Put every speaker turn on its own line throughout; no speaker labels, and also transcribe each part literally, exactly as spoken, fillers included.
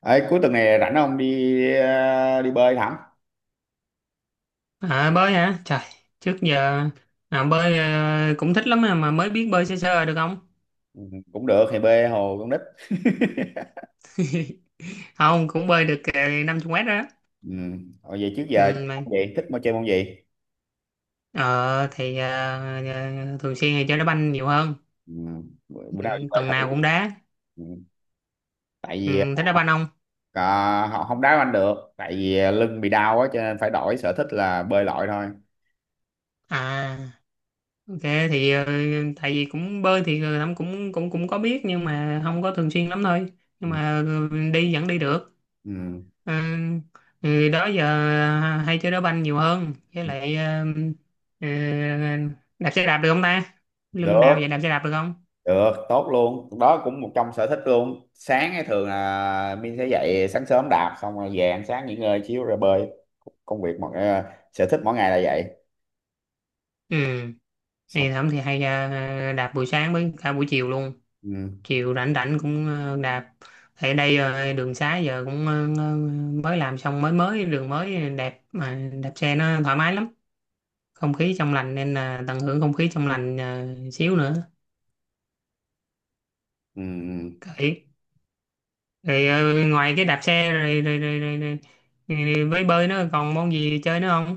Ấy, cuối tuần này rảnh không đi ờ, đi bơi hả?
À bơi hả? Trời, trước giờ à, bơi ờ, cũng thích lắm mà, mà mới biết bơi sơ sơ được không?
Ừ, cũng được thì bơi hồ con nít.
Không, cũng bơi được uh, năm chục mét đó.
Ừ. Hồi vậy trước
Ừ,
giờ
mà,
môn gì thích môn chơi môn gì?
ờ, thì ờ, ờ, thường xuyên thì chơi đá banh nhiều hơn.
Ừ. Bữa bữa
Ừ,
nào đi bơi
tuần
thử.
nào cũng đá.
Ừ. Tại vì
Ừ, thích đá banh không?
à, họ không đá banh được, tại vì ờ, lưng bị đau á cho nên phải đổi sở thích là bơi lội thôi.
À, ok thì ờ, tại vì cũng bơi thì ờ, cũng cũng cũng cũng có biết nhưng mà không có thường xuyên lắm thôi. Nhưng
Ừ.
mà ờ, đi vẫn đi được.
Ừ.
À, thì đó giờ hay chơi đá banh nhiều hơn với
Ừ.
lại ờ, ờ, đạp xe đạp được không ta, lưng đau vậy
Được,
đạp xe đạp được không?
được, tốt luôn. Đó cũng một trong sở thích luôn. Sáng ấy thường là Min sẽ dậy sáng sớm đạp xong rồi về ăn sáng nghỉ ngơi xíu rồi bơi. Công việc mọi ờ, sở thích mỗi ngày là vậy.
Ừ thì
Xong.
Thẩm thì hay ờ, đạp buổi sáng với cả buổi chiều luôn,
Ừ.
chiều rảnh rảnh cũng ờ, đạp ở đây. ờ, Đường xá giờ cũng ờ, mới làm xong, mới mới đường mới đẹp mà đạp xe nó thoải mái lắm, không khí trong lành nên là tận hưởng không khí trong lành ờ, xíu nữa
Ừ,
kệ. Rồi ờ, ngoài cái đạp xe rồi rồi rồi, rồi, rồi, rồi với bơi nó còn môn gì chơi nữa không?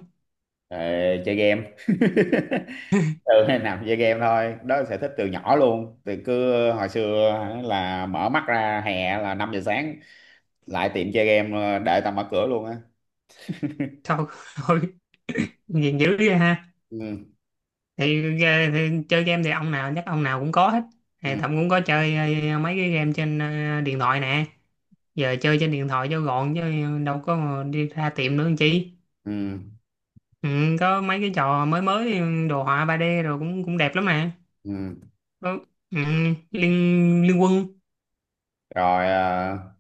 ờ, chơi game ừ, nằm chơi game thôi, đó là sở thích từ nhỏ luôn, từ cứ hồi xưa hả, là mở mắt ra hè là năm giờ sáng lại tiệm chơi game đợi tao mở cửa luôn á.
Thôi, thôi,
Ừ,
nghiền dữ vậy ha.
ừ,
Thì, ờ, thì chơi game thì ông nào chắc ông nào cũng có hết. Thì
ừ,
Thậm cũng có chơi ờ, mấy cái game trên ờ, điện thoại nè. Giờ chơi trên điện thoại cho gọn chứ đâu có mà đi ra tiệm nữa làm chi.
ừ,
Ừ, có mấy cái trò mới mới ừ, đồ họa ba đê rồi cũng cũng đẹp lắm nè.
ừ.
Có- Ừ, liên liên quân.
Rồi ờ,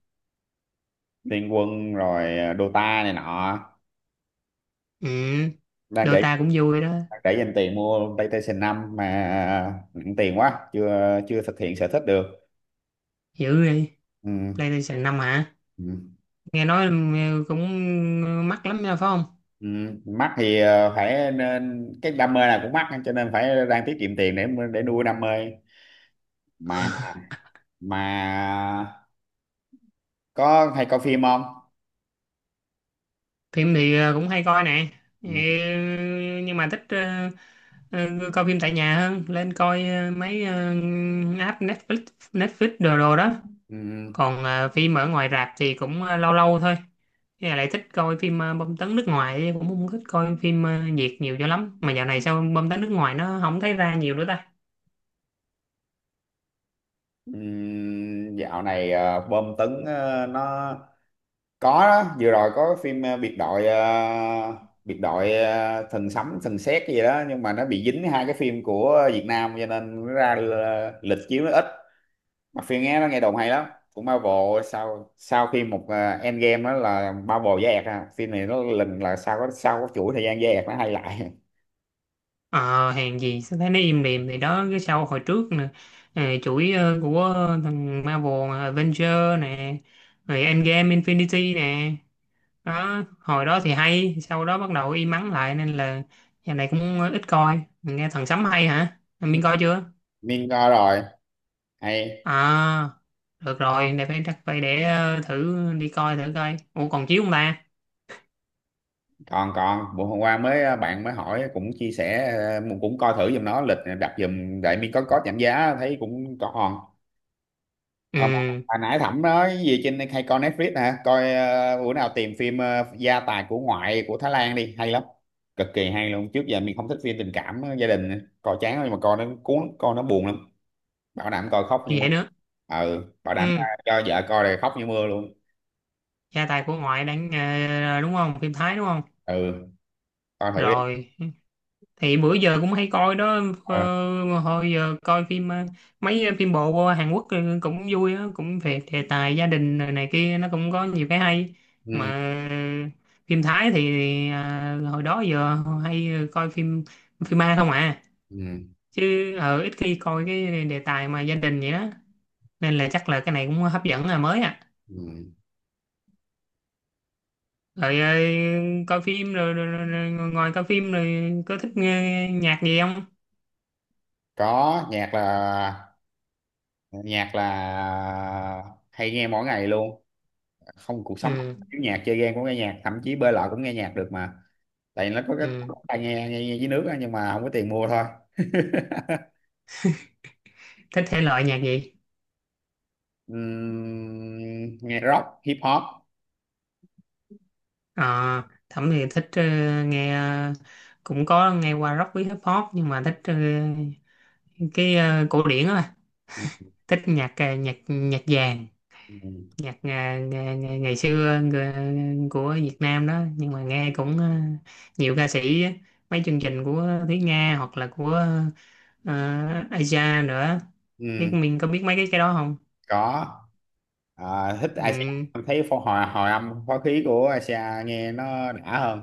Liên Quân rồi ờ, Dota này nọ,
Ừ,
đang để
Dota cũng vui đó.
để dành tiền mua PlayStation năm mà ờ, nặng tiền quá chưa chưa thực hiện sở thích được.
Dữ đi.
Ừ,
PlayStation năm hả?
ừ.
Nghe nói ừ, cũng mắc lắm nha phải không?
Ừ, mắc thì ờ, phải, nên cái đam mê này cũng mắc cho nên phải đang tiết kiệm tiền để để nuôi đam mê, mà mà có hay coi phim không?
Phim thì ờ, cũng hay coi nè. Ừ,
Ừ,
nhưng mà thích ờ, ờ, coi phim tại nhà hơn, lên coi ờ, mấy ờ, app Netflix, Netflix đồ đồ đó.
ừ,
Còn ờ, phim ở ngoài rạp thì cũng ờ, lâu lâu thôi. Với lại thích coi phim ờ, bom tấn nước ngoài, chứ cũng không thích coi phim ờ, Việt nhiều cho lắm, mà dạo này sao bom tấn nước ngoài nó không thấy ra nhiều nữa ta?
ừ, dạo này ờ, bom tấn ờ, nó có đó. Vừa rồi có phim ờ, biệt đội ờ, biệt đội ờ, thần sấm thần sét gì đó, nhưng mà nó bị dính hai cái phim của Việt Nam cho nên nó ra ờ, lịch chiếu nó ít, mà phim nghe nó nghe đồn hay lắm, cũng Marvel. Sau sau khi một uh, Endgame đó là Marvel với ẹt à, phim này nó lình là sau có sau có chuỗi thời gian với ẹt nó hay lại
Ờ, hàng gì sao thấy nó im lìm. Thì đó cái sau hồi trước nè, ờ, chuỗi ờ, của thằng Marvel nè, Avenger nè, rồi Endgame Infinity nè. Đó hồi đó thì hay, sau đó bắt đầu im ắng lại, nên là giờ này cũng ờ, ít coi. Mình nghe thằng Sấm hay hả, mình coi chưa?
nên coi rồi, hay.
À, được rồi, để phải chắc phải để ờ, thử đi coi, thử coi ủa còn chiếu không ta?
Còn còn bữa hôm qua mới à, bạn mới hỏi cũng chia sẻ, ờ, cũng coi thử giùm nó lịch đặt giùm đại miên, có có giảm giá thấy cũng còn. Ông,
Ừ
hồi nãy Thẩm nói gì trên, hay coi Netflix hả? Coi ờ, bữa nào tìm phim ờ, Gia tài của ngoại của Thái Lan đi, hay lắm. Cực kỳ hay luôn. Trước giờ mình không thích phim tình cảm ờ, gia đình, coi chán lắm, nhưng mà coi nó cuốn, coi nó buồn lắm. Bảo đảm coi khóc như mưa.
vậy nữa.
Ừ, bảo đảm ờ,
Ừ,
cho vợ coi là khóc như mưa luôn.
gia tài của ngoại đang ờ, đúng không, phim Thái đúng không?
Ừ, coi thử đi.
Rồi thì bữa giờ cũng hay coi đó.
Ờ.
Ờ, hồi giờ coi phim ờ, mấy phim bộ Hàn Quốc ờ, cũng vui á, cũng về đề tài gia đình rồi này kia, nó cũng có nhiều cái hay.
Ừ,
Mà phim Thái thì à, hồi đó giờ hay coi phim phim ma không à,
ừ,
chứ ờ, ít khi coi cái đề tài mà gia đình vậy đó, nên là chắc là cái này cũng hấp dẫn là mới à.
ừ.
Rồi ờ, coi phim rồi, rồi, rồi, rồi ngoài coi phim rồi có thích nghe nhạc gì không?
Có nhạc là nhạc là hay nghe mỗi ngày luôn. Không, cuộc sống
Ừ.
thiếu nhạc, chơi game cũng nghe nhạc, thậm chí bơi lội cũng nghe nhạc được mà. Tại nó có cái
Ừ.
tai nghe nghe, nghe dưới nước á, nhưng mà không có tiền mua thôi.
Thích thể loại nhạc gì?
Ừm, nghe rock hip hop.
À, Thẩm thì thích ờ, nghe ờ, cũng có nghe qua rock với hip hop, nhưng mà thích ờ, cái ờ, cổ điển á bà. Thích nhạc ờ, nhạc nhạc vàng,
Ừm,
nhạc ờ, ngày, ngày, ngày xưa ng- của Việt Nam đó, nhưng mà nghe cũng ờ, nhiều ca sĩ á. Mấy chương trình của Thúy Nga hoặc là của uh, Aja nữa, biết
ừm,
mình có biết mấy cái cái đó không?
có, à, thích Asia.
Ừ.
Em thấy phó hòa hòa âm phó khí của Asia nghe nó đã hơn.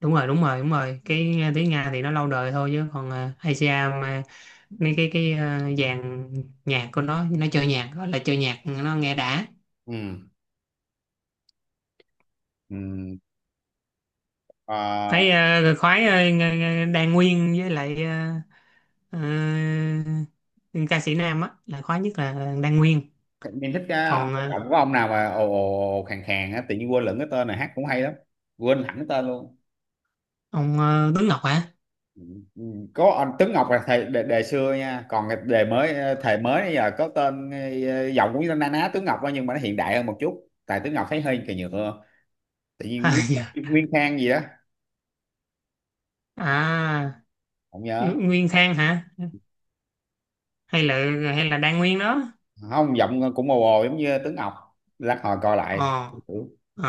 Đúng rồi, đúng rồi, đúng rồi, cái ờ, tiếng Nga thì nó lâu đời thôi, chứ còn ờ, Asia, mà mấy cái cái ờ, dàn nhạc của nó nó chơi nhạc, gọi là chơi nhạc nó nghe đã.
Ừm, ừm. Ờ,
Thấy ờ, khoái ờ, ng- ng- Đan Nguyên, với lại ờ, ờ, ca sĩ nam á là khoái nhất là Đan Nguyên.
em thích cái
Còn ờ,
giọng của ông nào mà ồ ồ ồ, khàn khàn á, tự nhiên quên lẫn cái tên, này hát cũng hay lắm, quên hẳn cái tên luôn.
ông ờ, Tuấn Ngọc hả?
Ừ, có anh Tuấn Ngọc là thầy đề, đề xưa nha, còn cái đề mới ờ, thầy mới bây giờ có tên ờ, giọng cũng như na ná Tuấn Ngọc á, nhưng mà nó hiện đại hơn một chút, tại Tuấn Ngọc thấy hơi kỳ nhựa. Tự nhiên
À,
Nguyên,
dạ.
Nguyên Khang gì đó,
À,
không nhớ.
Nguyên Khang hả, hay là hay là Đan Nguyên đó?
Không, giọng cũng mồ hồ giống như Tuấn Ngọc, lát hồi coi
ờ
lại. Ừ.
ờ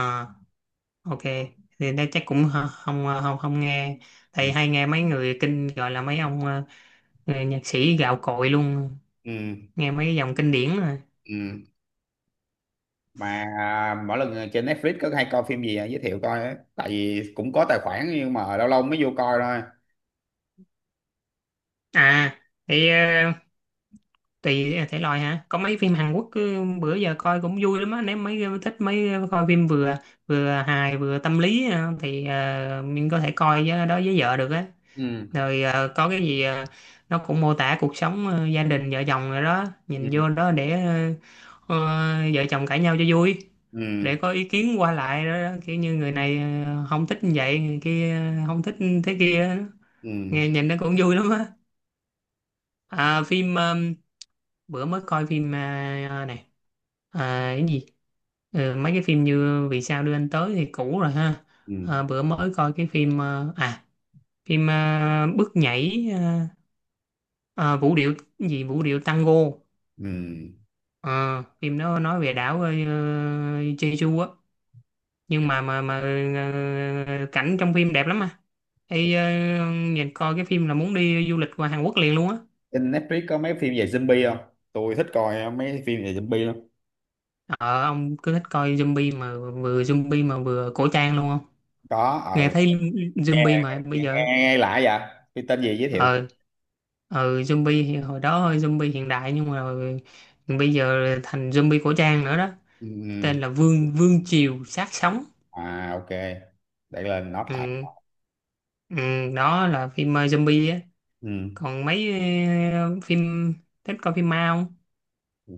ok. Thì đây chắc cũng hơ- không, không, không nghe.
Ừ.
Tại hay nghe mấy người kinh, gọi là mấy ông ờ, người nhạc sĩ gạo cội luôn,
Ừ.
nghe mấy cái dòng kinh điển rồi.
Ừ. Mà à, mỗi lần trên Netflix có hay coi phim gì à, giới thiệu coi á, tại vì cũng có tài khoản nhưng mà lâu lâu mới vô coi thôi.
À, thì ờ, tùy à, thể loại hả? Có mấy phim Hàn Quốc cứ bữa giờ coi cũng vui lắm á, nếu mấy ờ, thích mấy ờ, coi phim vừa vừa hài vừa tâm lý ờ, thì ờ, mình có thể coi với, đó với vợ được á.
Ừ.
Rồi ờ, có cái gì ờ, nó cũng mô tả cuộc sống ờ, gia đình vợ chồng rồi đó, nhìn
Ừ.
vô đó để ờ, ờ, vợ chồng cãi nhau cho vui,
Ừ.
để có ý kiến qua lại đó, đó. Kiểu như người này ờ, không thích như vậy, người kia ờ, không thích thế kia đó.
Ừ.
Nghe nhìn nó cũng vui lắm á. À, phim ờ, bữa mới coi phim ờ, ờ, này à, cái gì. Ờ, mấy cái phim như Vì sao đưa anh tới thì cũ rồi ha.
Ừ.
Ờ, bữa mới coi cái phim ờ, à, phim ờ, bước nhảy ờ, Ờ, vũ điệu gì, vũ điệu tango.
Ừ.
Ờ, phim đó nói về đảo ờ, Jeju á, nhưng mà mà mà ờ, cảnh trong phim đẹp lắm mà. Ê, ờ, nhìn coi cái phim là muốn đi du lịch qua Hàn Quốc liền luôn á.
Trên Netflix có mấy phim về zombie không? Tôi thích coi mấy phim về zombie lắm.
ờ ông cứ thích coi zombie mà. Vừa zombie mà vừa cổ trang luôn không?
Có,
Nghe
ờ,
thấy
nghe,
zombie mà bây
nghe, nghe,
giờ.
nghe lại vậy? Phim tên gì giới thiệu?
ờ ừ, zombie thì hồi đó hơi zombie hiện đại, nhưng mà bây giờ thành zombie cổ trang nữa đó, tên
Ừ.
là Vương Vương Triều Sát Sống.
À, ok. Để lên note lại.
Ừ, ừ, đó là phim ờ, zombie á.
Ừ.
Còn mấy ờ, phim, thích coi phim ma không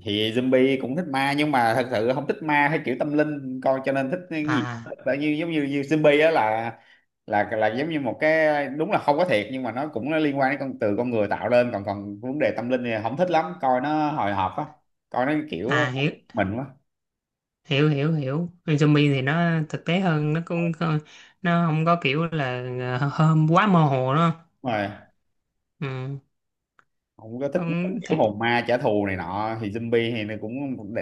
Thì zombie cũng thích, ma nhưng mà thật sự không thích, ma hay kiểu tâm linh coi, cho nên thích cái gì
à?
là như giống như, như zombie á, là là là giống như một cái đúng là không có thiệt, nhưng mà nó cũng nó liên quan đến con, từ con người tạo lên, còn còn vấn đề tâm linh thì không thích lắm, coi nó hồi hộp á, coi nó kiểu
À, hiểu
mình quá.
hiểu hiểu hiểu. Phim zombie thì nó thực tế hơn, nó cũng không- nó không có kiểu là ờ, hôm quá mơ hồ đó.
Đúng rồi,
Ừ,
không có thích
cũng thì
kiểu hồn ma trả thù này nọ, thì zombie thì nó cũng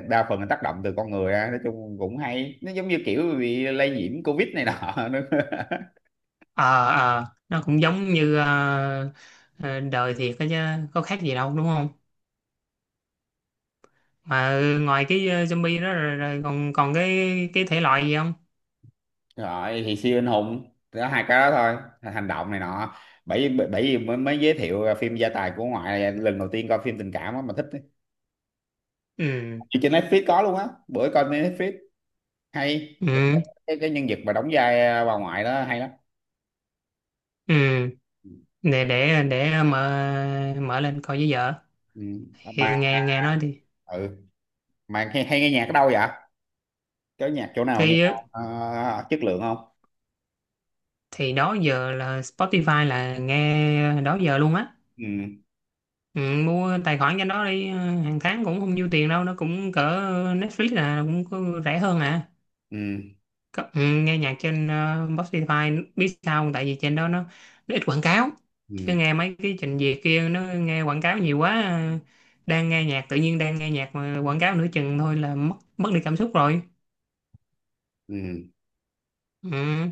đa phần là tác động từ con người á, nói chung cũng hay, nó giống như kiểu bị lây nhiễm covid này nọ nữa.
ờ ờ nó cũng giống như ờ, ờ, đời thiệt đó chứ, có khác gì đâu đúng không? Mà ngoài cái ờ, zombie đó rồi, rồi còn còn cái cái thể loại gì không?
Rồi thì siêu anh hùng đó, hai cái đó thôi, hành động này nọ. Bởi bởi bởi vì mới, mới giới thiệu phim Gia tài của ngoại là lần đầu tiên coi phim tình cảm á mà thích ấy.
Ừ,
Thì trên Netflix có luôn á, bữa coi trên Netflix hay,
ừ,
cái, cái nhân vật mà đóng vai à, bà ngoại đó hay lắm.
ừ, để để để mở mở lên coi với vợ.
Ừ. Mà
Thì nghe nghe nói đi.
ừ. Mà hay, hay nghe nhạc ở đâu vậy, có nhạc chỗ nào nghe
thì
ờ, chất lượng không?
thì đó giờ là Spotify là nghe đó giờ luôn á.
Ừ,
Ừ, mua tài khoản cho nó đi ờ, hàng tháng cũng không nhiêu tiền đâu, nó cũng cỡ Netflix, là cũng có rẻ hơn à.
ừ,
Có, ừ, nghe nhạc trên ờ, Spotify biết sao không? Tại vì trên đó nó, nó ít quảng cáo.
ừ,
Chứ nghe mấy cái trình duyệt kia nó nghe quảng cáo nhiều quá, ờ, đang nghe nhạc, tự nhiên đang nghe nhạc mà quảng cáo nửa chừng thôi là mất mất đi cảm xúc rồi.
ừ.
Ừ.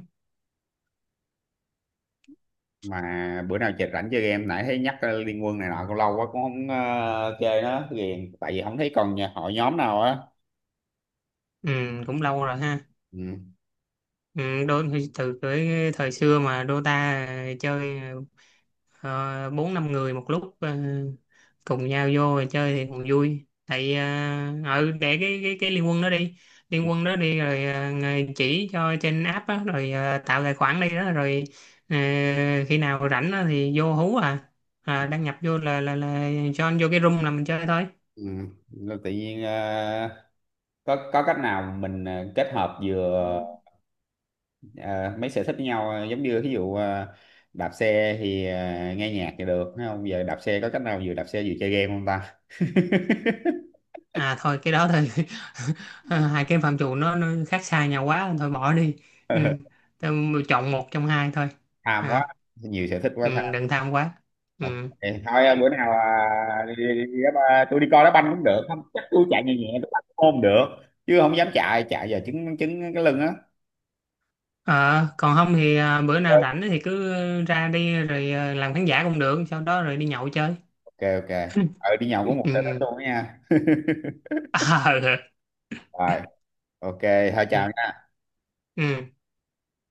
Mà bữa nào chị rảnh chơi game, nãy thấy nhắc ờ, Liên Quân này nọ cũng lâu quá, cũng không ờ, chơi nó ghiền, tại vì không thấy còn nhà hội nhóm nào á.
Ừ, cũng lâu rồi ha.
Ừ,
Ừ, đôi khi từ cái thời xưa mà Dota chơi ờ, bốn năm người một lúc ờ, cùng nhau vô rồi chơi thì còn vui. Tại ờ, ừ, để cái cái cái liên quân đó đi, liên quân đó đi, rồi ờ, người chỉ cho trên app á, rồi ờ, tạo tài khoản đi đó, rồi ờ, khi nào rảnh á thì vô hú à. À, đăng nhập vô là là là join vô cái room là mình chơi thôi.
ừ. Nên tự nhiên ờ, có có cách nào mình ờ, kết hợp vừa ờ, mấy sở thích với nhau, ờ, giống như ví dụ ờ, đạp xe thì ờ, nghe nhạc thì được thấy không, giờ đạp xe có cách nào vừa đạp xe vừa chơi game không ta?
À thôi cái đó thôi. Hai cái phạm trù nó, nó khác xa nhau quá, thôi bỏ đi. Ừ. Tôi chọn một trong hai thôi.
Tham quá,
À,
nhiều sở thích quá.
ừ, đừng tham quá.
Ok,
Ừ.
thôi à, bữa nào à, đi, đi, đi, đá ba- tôi đi coi đá banh cũng được, không chắc tôi chạy nhẹ nhẹ tôi banh cũng không được, chứ không dám chạy chạy giờ chứng chứng cái lưng á.
Ờ, còn không thì à, bữa nào rảnh thì cứ ra đi, rồi à, làm khán giả cũng được, sau đó rồi đi nhậu chơi.
Ok, ok, ờ đi nhậu có một
Ừ.
sở thích
Ừ.
luôn đó nha.
À,
Rồi, ok, thôi
ừ.
chào nha.
Ừ.